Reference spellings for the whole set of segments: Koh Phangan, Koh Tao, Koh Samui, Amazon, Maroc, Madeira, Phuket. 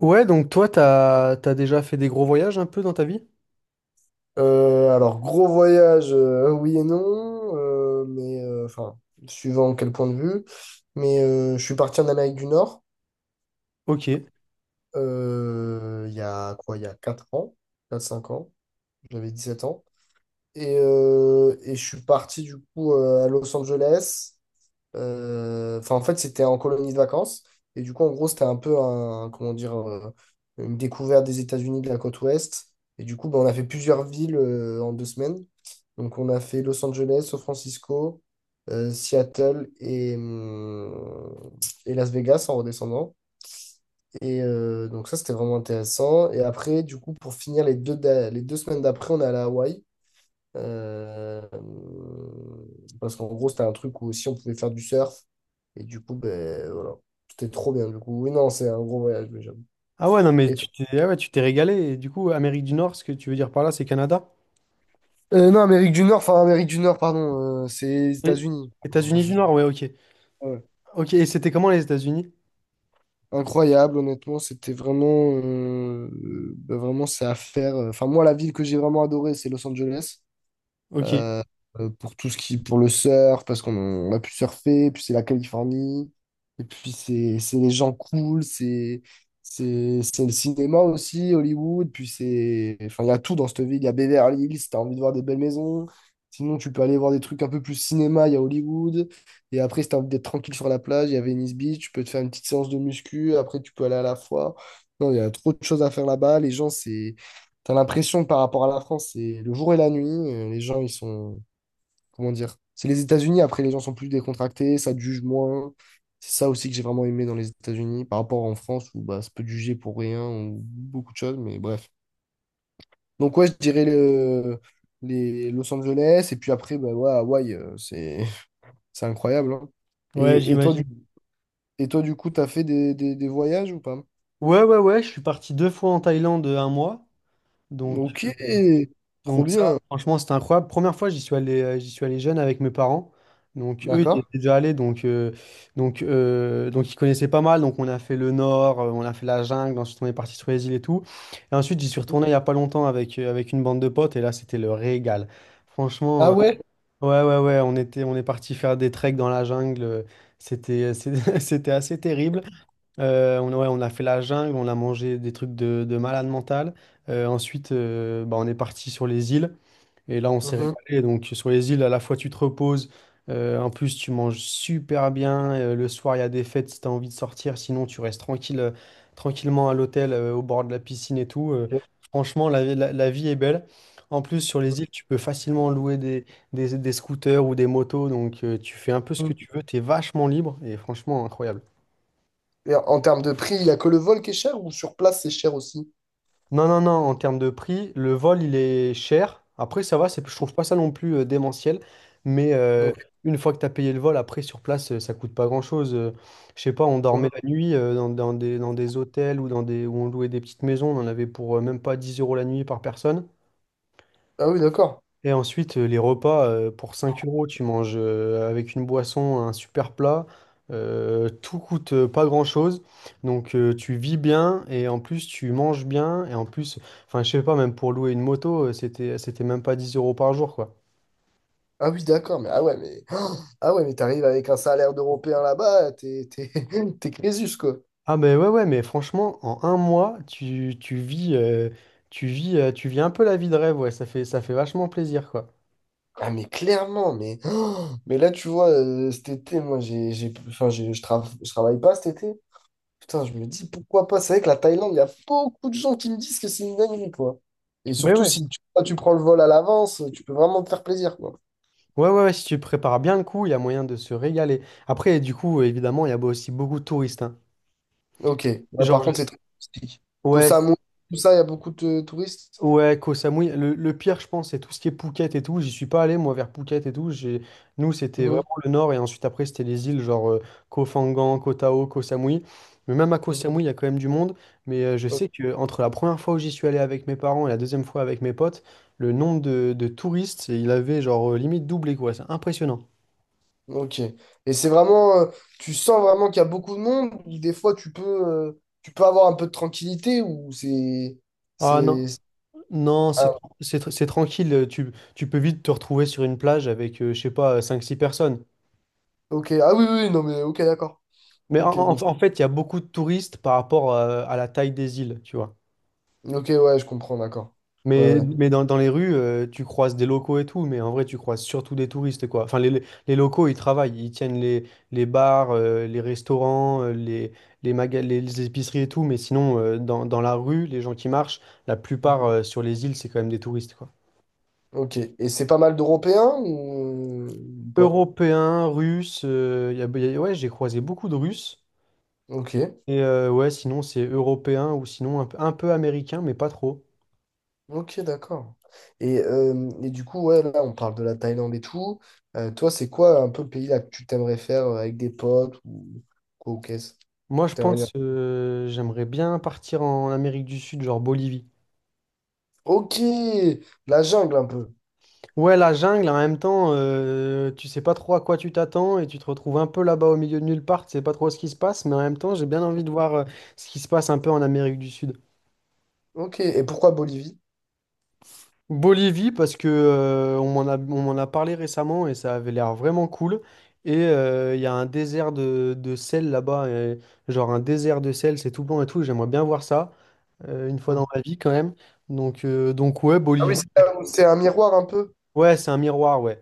Ouais, donc toi, t'as déjà fait des gros voyages un peu dans ta vie? Alors, gros voyage, oui et non, mais enfin, suivant quel point de vue. Mais je suis parti en Amérique du Nord Ok. Il y a quoi, il y a 4 ans, 4 5 ans, j'avais 17 ans. Et je suis parti du coup à Los Angeles. Enfin, en fait, c'était en colonie de vacances. Et du coup, en gros, c'était un peu un, comment dire, une découverte des États-Unis de la côte ouest. Et du coup, ben, on a fait plusieurs villes en 2 semaines. Donc, on a fait Los Angeles, San Francisco, Seattle et Las Vegas en redescendant. Donc, ça, c'était vraiment intéressant. Et après, du coup, pour finir les 2 semaines d'après, on est allé à Hawaï. Euh, Parce qu'en gros, c'était un truc où aussi on pouvait faire du surf. Et du coup, ben voilà. C'était trop bien. Du coup, oui, non, c'est un gros voyage, mais j'avoue. Ah ouais, non, mais Et toi. Ah ouais, tu t'es régalé. Et du coup, Amérique du Nord, ce que tu veux dire par là, c'est Canada? Non, Amérique du Nord, enfin Amérique du Nord, pardon, c'est les Oui. États-Unis. États-Unis du Nord, ouais, ok. Ouais. Ok, et c'était comment les États-Unis? Incroyable, honnêtement, c'était vraiment, ben, vraiment, c'est à faire. Enfin, moi, la ville que j'ai vraiment adorée, c'est Los Angeles. Ok. Euh, pour tout ce qui pour le surf parce qu'on a pu surfer, puis c'est la Californie, et puis c'est les gens cool. C'est le cinéma aussi, Hollywood, puis c'est, enfin, il y a tout dans cette ville. Il y a Beverly Hills si t'as envie de voir des belles maisons, sinon tu peux aller voir des trucs un peu plus cinéma, il y a Hollywood. Et après, si t'as envie d'être tranquille sur la plage, il y a Venice Beach, tu peux te faire une petite séance de muscu, après tu peux aller à la foire. Non, il y a trop de choses à faire là-bas. Les gens, c'est... T'as l'impression que par rapport à la France, c'est le jour et la nuit. Les gens, ils sont, comment dire? C'est les États-Unis, après les gens sont plus décontractés, ça te juge moins. C'est ça aussi que j'ai vraiment aimé dans les États-Unis par rapport en France où bah, ça peut te juger pour rien ou beaucoup de choses, mais bref. Donc ouais, je dirais les Los Angeles et puis après, bah, ouais, Hawaï, c'est c'est incroyable, hein. Ouais, Et, et toi, du, j'imagine. et toi, du coup, t'as fait des voyages ou pas? Ouais, ouais, ouais, je suis parti deux fois en Thaïlande un mois. Donc, Ok, trop Donc ça, bien. franchement, c'était incroyable. Première fois, j'y suis allé jeune avec mes parents. Donc eux, ils D'accord. étaient déjà allés, donc ils connaissaient pas mal. Donc on a fait le nord, on a fait la jungle, ensuite on est parti sur les îles et tout. Et ensuite, j'y suis retourné il y a pas longtemps avec une bande de potes et là, c'était le régal. Ah Franchement, ouais? ouais ouais ouais, on est parti faire des treks dans la jungle. C'était assez terrible. Ouais, on a fait la jungle, on a mangé des trucs de malade mental. Ensuite, bah, on est parti sur les îles. Et là, on s'est Mhm. régalé. Donc, sur les îles, à la fois, tu te reposes. En plus, tu manges super bien. Le soir, il y a des fêtes si tu as envie de sortir. Sinon, tu restes tranquille, tranquillement à l'hôtel, au bord de la piscine et tout. euh, Ok. franchement, la vie est belle. En plus, sur les îles, tu peux facilement louer des scooters ou des motos. Donc, tu fais un peu ce que tu Mhm. veux. Tu es vachement libre. Et franchement, incroyable. Et en termes de prix, il n'y a que le vol qui est cher ou sur place c'est cher aussi? Non, non, non, en termes de prix, le vol, il est cher. Après, ça va, c'est, je trouve pas ça non plus démentiel. Mais une fois que tu as payé le vol, après, sur place, ça coûte pas grand-chose. Je sais pas, on dormait Ok. la nuit dans des hôtels ou où on louait des petites maisons. On en avait pour même pas 10 euros la nuit par personne. Ah oui, d'accord. Et ensuite, les repas, pour 5 euros, tu manges avec une boisson, un super plat. Tout coûte pas grand-chose. Donc, tu vis bien et en plus, tu manges bien. Et en plus, enfin, je sais pas, même pour louer une moto, c'était même pas 10 euros par jour, quoi. Ah oui, d'accord, mais ah ouais, mais ah ouais, mais t'arrives avec un salaire d'Européen là-bas, t'es t'es Crésus, quoi. Ah, ben ouais, ouais, mais franchement, en un mois, tu vis, tu vis un peu la vie de rêve, ouais. Ça fait vachement plaisir, quoi. Ah mais clairement, mais mais là tu vois, cet été, moi j'ai enfin j'ai- je trava- je travaille pas cet été. Putain, je me dis pourquoi pas. C'est vrai que la Thaïlande, il y a beaucoup de gens qui me disent que c'est une dinguerie, quoi. Et Mais surtout ouais. si tu prends le vol à l'avance, tu peux vraiment te faire plaisir, quoi. Ouais, ouais, ouais, si tu prépares bien le coup, il y a moyen de se régaler. Après, du coup, évidemment, il y a aussi beaucoup de touristes, hein. Ok. Ouais, Genre, par je... contre, c'est très touristique. Koh Ouais, Samui, tout ça, il y a beaucoup de touristes. ouais, Koh Samui. Le pire, je pense, c'est tout ce qui est Phuket et tout. J'y suis pas allé, moi, vers Phuket et tout. J'ai. Nous, c'était vraiment Mhm. le nord, et ensuite, après, c'était les îles, genre Koh Phangan, Koh Tao, Koh Samui. Mais même à Koh Samui, il y a quand même du monde. Mais je Mhm. sais que entre la première fois où j'y suis allé avec mes parents et la deuxième fois avec mes potes, le nombre de touristes, il avait genre limite doublé, quoi. C'est impressionnant. Ok. Et c'est vraiment, tu sens vraiment qu'il y a beaucoup de monde, ou des fois tu peux avoir un peu de tranquillité, ou Ah non, c'est, c'est- non, ah, c'est tranquille. Tu peux vite te retrouver sur une plage avec, je sais pas, cinq six personnes. ok. Ah oui, oui, oui, non mais ok, d'accord. Mais en, Ok, bon. en- en fait, il y a beaucoup de touristes par rapport à la taille des îles, tu vois. Ok, ouais, je comprends, d'accord. Ouais, Mais, ouais. mais dans les rues, tu croises des locaux et tout, mais en vrai, tu croises surtout des touristes, quoi. Enfin, les locaux, ils travaillent, ils tiennent les bars, les restaurants, les épiceries et tout, mais sinon, dans la rue, les gens qui marchent, la plupart sur les îles, c'est quand même des touristes, quoi. Ok. Et c'est pas mal d'Européens ou pas? Européens, Russes, ouais, j'ai croisé beaucoup de Russes. Ok. Et ouais, sinon, c'est européen ou sinon un peu américain, mais pas trop. Ok, d'accord. Et du coup, ouais, là, on parle de la Thaïlande et tout. Toi, c'est quoi un peu le pays là que tu t'aimerais faire avec des potes ou quoi ou qu'est-ce? Moi, je pense j'aimerais bien partir en Amérique du Sud, genre Bolivie. Ok, la jungle un peu. Ouais, la jungle, en même temps, tu sais pas trop à quoi tu t'attends et tu te retrouves un peu là-bas au milieu de nulle part, tu sais pas trop ce qui se passe, mais en même temps, j'ai bien envie de voir ce qui se passe un peu en Amérique du Sud. Ok, et pourquoi Bolivie? Bolivie, parce que on m'en a parlé récemment et ça avait l'air vraiment cool. Et il y a un désert de sel là-bas, et genre un désert de sel, c'est tout blanc et tout, j'aimerais bien voir ça une fois Hmm. dans ma vie quand même. Donc ouais, Ah oui, Bolivie. c'est là où c'est un miroir un peu. Ouais, c'est un miroir, ouais.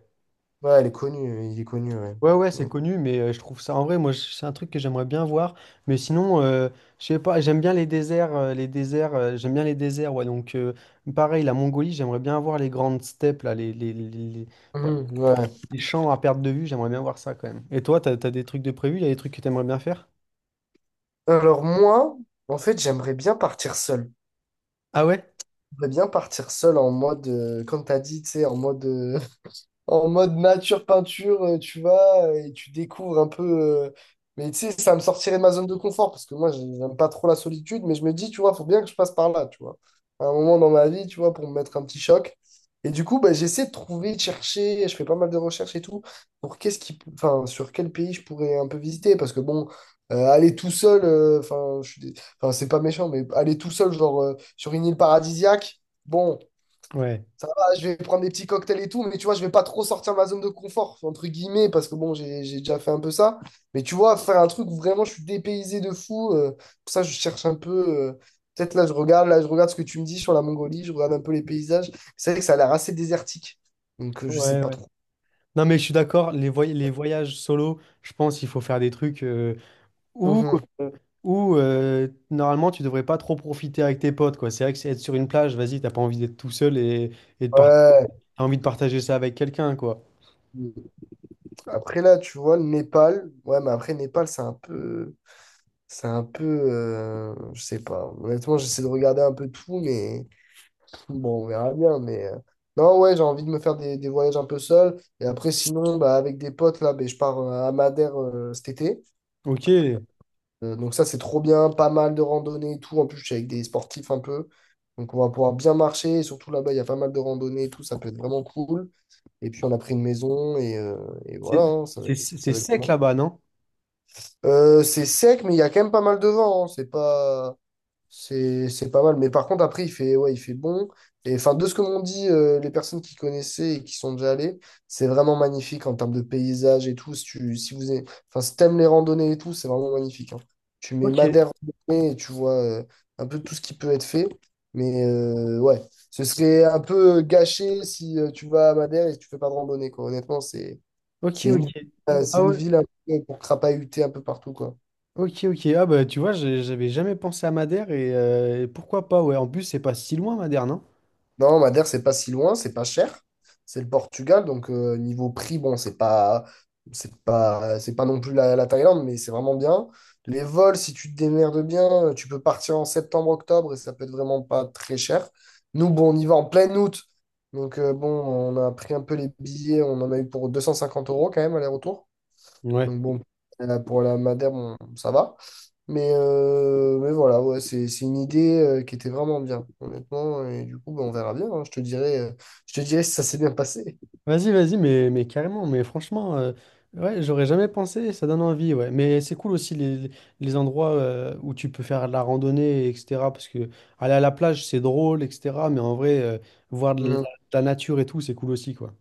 Ouais, elle est connue, il est connu, ouais. Ouais, ouais, c'est Hmm. connu, mais je trouve ça. En vrai, moi, c'est un truc que j'aimerais bien voir. Mais sinon, je sais pas, j'aime bien les déserts. Les déserts, j'aime bien les déserts, ouais. Donc, pareil, la Mongolie, j'aimerais bien voir les grandes steppes, là, ouais, Mhm, ouais. les champs à perte de vue, j'aimerais bien voir ça quand même. Et toi, t'as des trucs de prévu? Il y a des trucs que t'aimerais bien faire? Alors moi, en fait, j'aimerais bien partir seul. Ah ouais? J'aimerais bien partir seul en mode, comme t'as dit, tu sais, en mode nature peinture, tu vas et tu découvres un peu. euh, Mais tu sais, ça me sortirait de ma zone de confort parce que moi, j'aime pas trop la solitude, mais je me dis, tu vois, faut bien que je passe par là, tu vois. À un moment dans ma vie, tu vois, pour me mettre un petit choc. Et du coup, bah, j'essaie de trouver, de chercher, je fais pas mal de recherches et tout, pour qu'est-ce qui, enfin, sur quel pays je pourrais un peu visiter. Parce que bon, aller tout seul, enfin, enfin, c'est pas méchant, mais aller tout seul, genre, sur une île paradisiaque. Bon, Ouais. ça va, je vais prendre des petits cocktails et tout, mais tu vois, je vais pas trop sortir ma zone de confort, entre guillemets, parce que bon, j'ai déjà fait un peu ça. Mais tu vois, faire un truc où vraiment je suis dépaysé de fou, pour ça, je cherche un peu. euh, Peut-être là, je regarde ce que tu me dis sur la Mongolie, je regarde un peu les paysages. C'est vrai que ça a l'air assez désertique. Donc, je sais Ouais, pas ouais. trop. Non, mais je suis d'accord, les voyages solo, je pense qu'il faut faire des trucs. Ou, Mhm. euh, ou, normalement, tu devrais pas trop profiter avec tes potes, quoi. C'est vrai que c'est être sur une plage, vas-y, t'as pas envie d'être tout seul et Ouais. t'as envie de partager ça avec quelqu'un, quoi. Après là, tu vois, le Népal. Ouais, mais après, Népal, c'est un peu. C'est un peu. Je sais pas. Honnêtement, j'essaie de regarder un peu tout, mais. Bon, on verra bien, mais... Non, ouais, j'ai envie de me faire des voyages un peu seul. Et après, sinon, bah, avec des potes, là, ben, je pars à Madère cet été. Ok, Donc ça, c'est trop bien, pas mal de randonnées et tout. En plus, je suis avec des sportifs un peu. Donc on va pouvoir bien marcher. Et surtout là-bas, il y a pas mal de randonnées et tout. Ça peut être vraiment cool. Et puis, on a pris une maison et c'est voilà, hein, ça va être, c'est ça va être sec vraiment... cool. là-bas, non? C'est sec, mais il y a quand même pas mal de vent, hein. C'est pas... C'est pas mal. Mais par contre, après, il fait bon. Et enfin, de ce que m'ont dit les personnes qui connaissaient et qui sont déjà allées, c'est vraiment magnifique en termes de paysage et tout. Si tu, si vous aimez- Enfin, si t'aimes les randonnées et tout, c'est vraiment magnifique, hein. Tu mets Ok, Madère randonnée et tu vois un peu tout ce qui peut être fait. Mais ouais, ce serait un peu gâché si tu vas à Madère et tu fais pas de randonnée, quoi. Honnêtement, ok, c'est ok. une, euh, c'est Ah une ouais, ville un peu pour crapahuter un peu partout, quoi. ok, ok. Ah bah, tu vois, j'avais jamais pensé à Madère et pourquoi pas, ouais. En plus, c'est pas si loin, Madère, non? Non, Madère, c'est pas si loin, c'est pas cher. C'est le Portugal, donc niveau prix, bon, c'est pas non plus la Thaïlande, mais c'est vraiment bien. Les vols, si tu te démerdes bien, tu peux partir en septembre, octobre et ça peut être vraiment pas très cher. Nous, bon, on y va en plein août, donc bon, on a pris un peu les billets, on en a eu pour 250 euros quand même aller-retour. Ouais. Donc bon, pour la Madère, bon, ça va. Mais voilà, ouais, c'est une idée qui était vraiment bien, honnêtement. Et du coup, ben, on verra bien, hein. Je te dirai si ça s'est bien passé. Vas-y, vas-y, mais carrément, mais franchement, ouais, j'aurais jamais pensé, ça donne envie, ouais. Mais c'est cool aussi les endroits où tu peux faire de la randonnée, etc. Parce que aller à la plage, c'est drôle, etc. Mais en vrai, voir de la nature et tout, c'est cool aussi, quoi.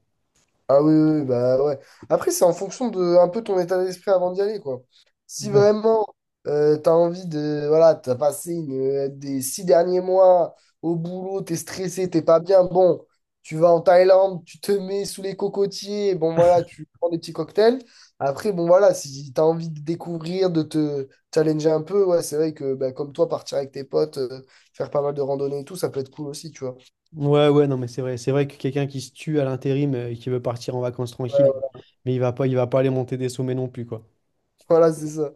Ah oui, oui, oui, bah ouais. Après, c'est en fonction de un peu ton état d'esprit avant d'y aller, quoi. Si Ouais. vraiment t'as envie de. Voilà, t'as passé des 6 derniers mois au boulot, t'es stressé, t'es pas bien, bon, tu vas en Thaïlande, tu te mets sous les cocotiers, bon voilà, tu prends des petits cocktails. Après, bon voilà, si t'as envie de découvrir, de te challenger un peu, ouais, c'est vrai que bah, comme toi, partir avec tes potes, faire pas mal de randonnées et tout, ça peut être cool aussi, tu vois. Ouais, ouais, non, mais c'est vrai. C'est vrai que quelqu'un qui se tue à l'intérim et qui veut partir en vacances Ouais, tranquille, ouais. mais il va pas aller monter des sommets non plus, quoi. Voilà, c'est ça.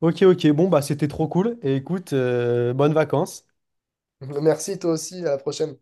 Ok, ok, bon, bah c'était trop cool. Et écoute, bonnes vacances. Merci, toi aussi, à la prochaine.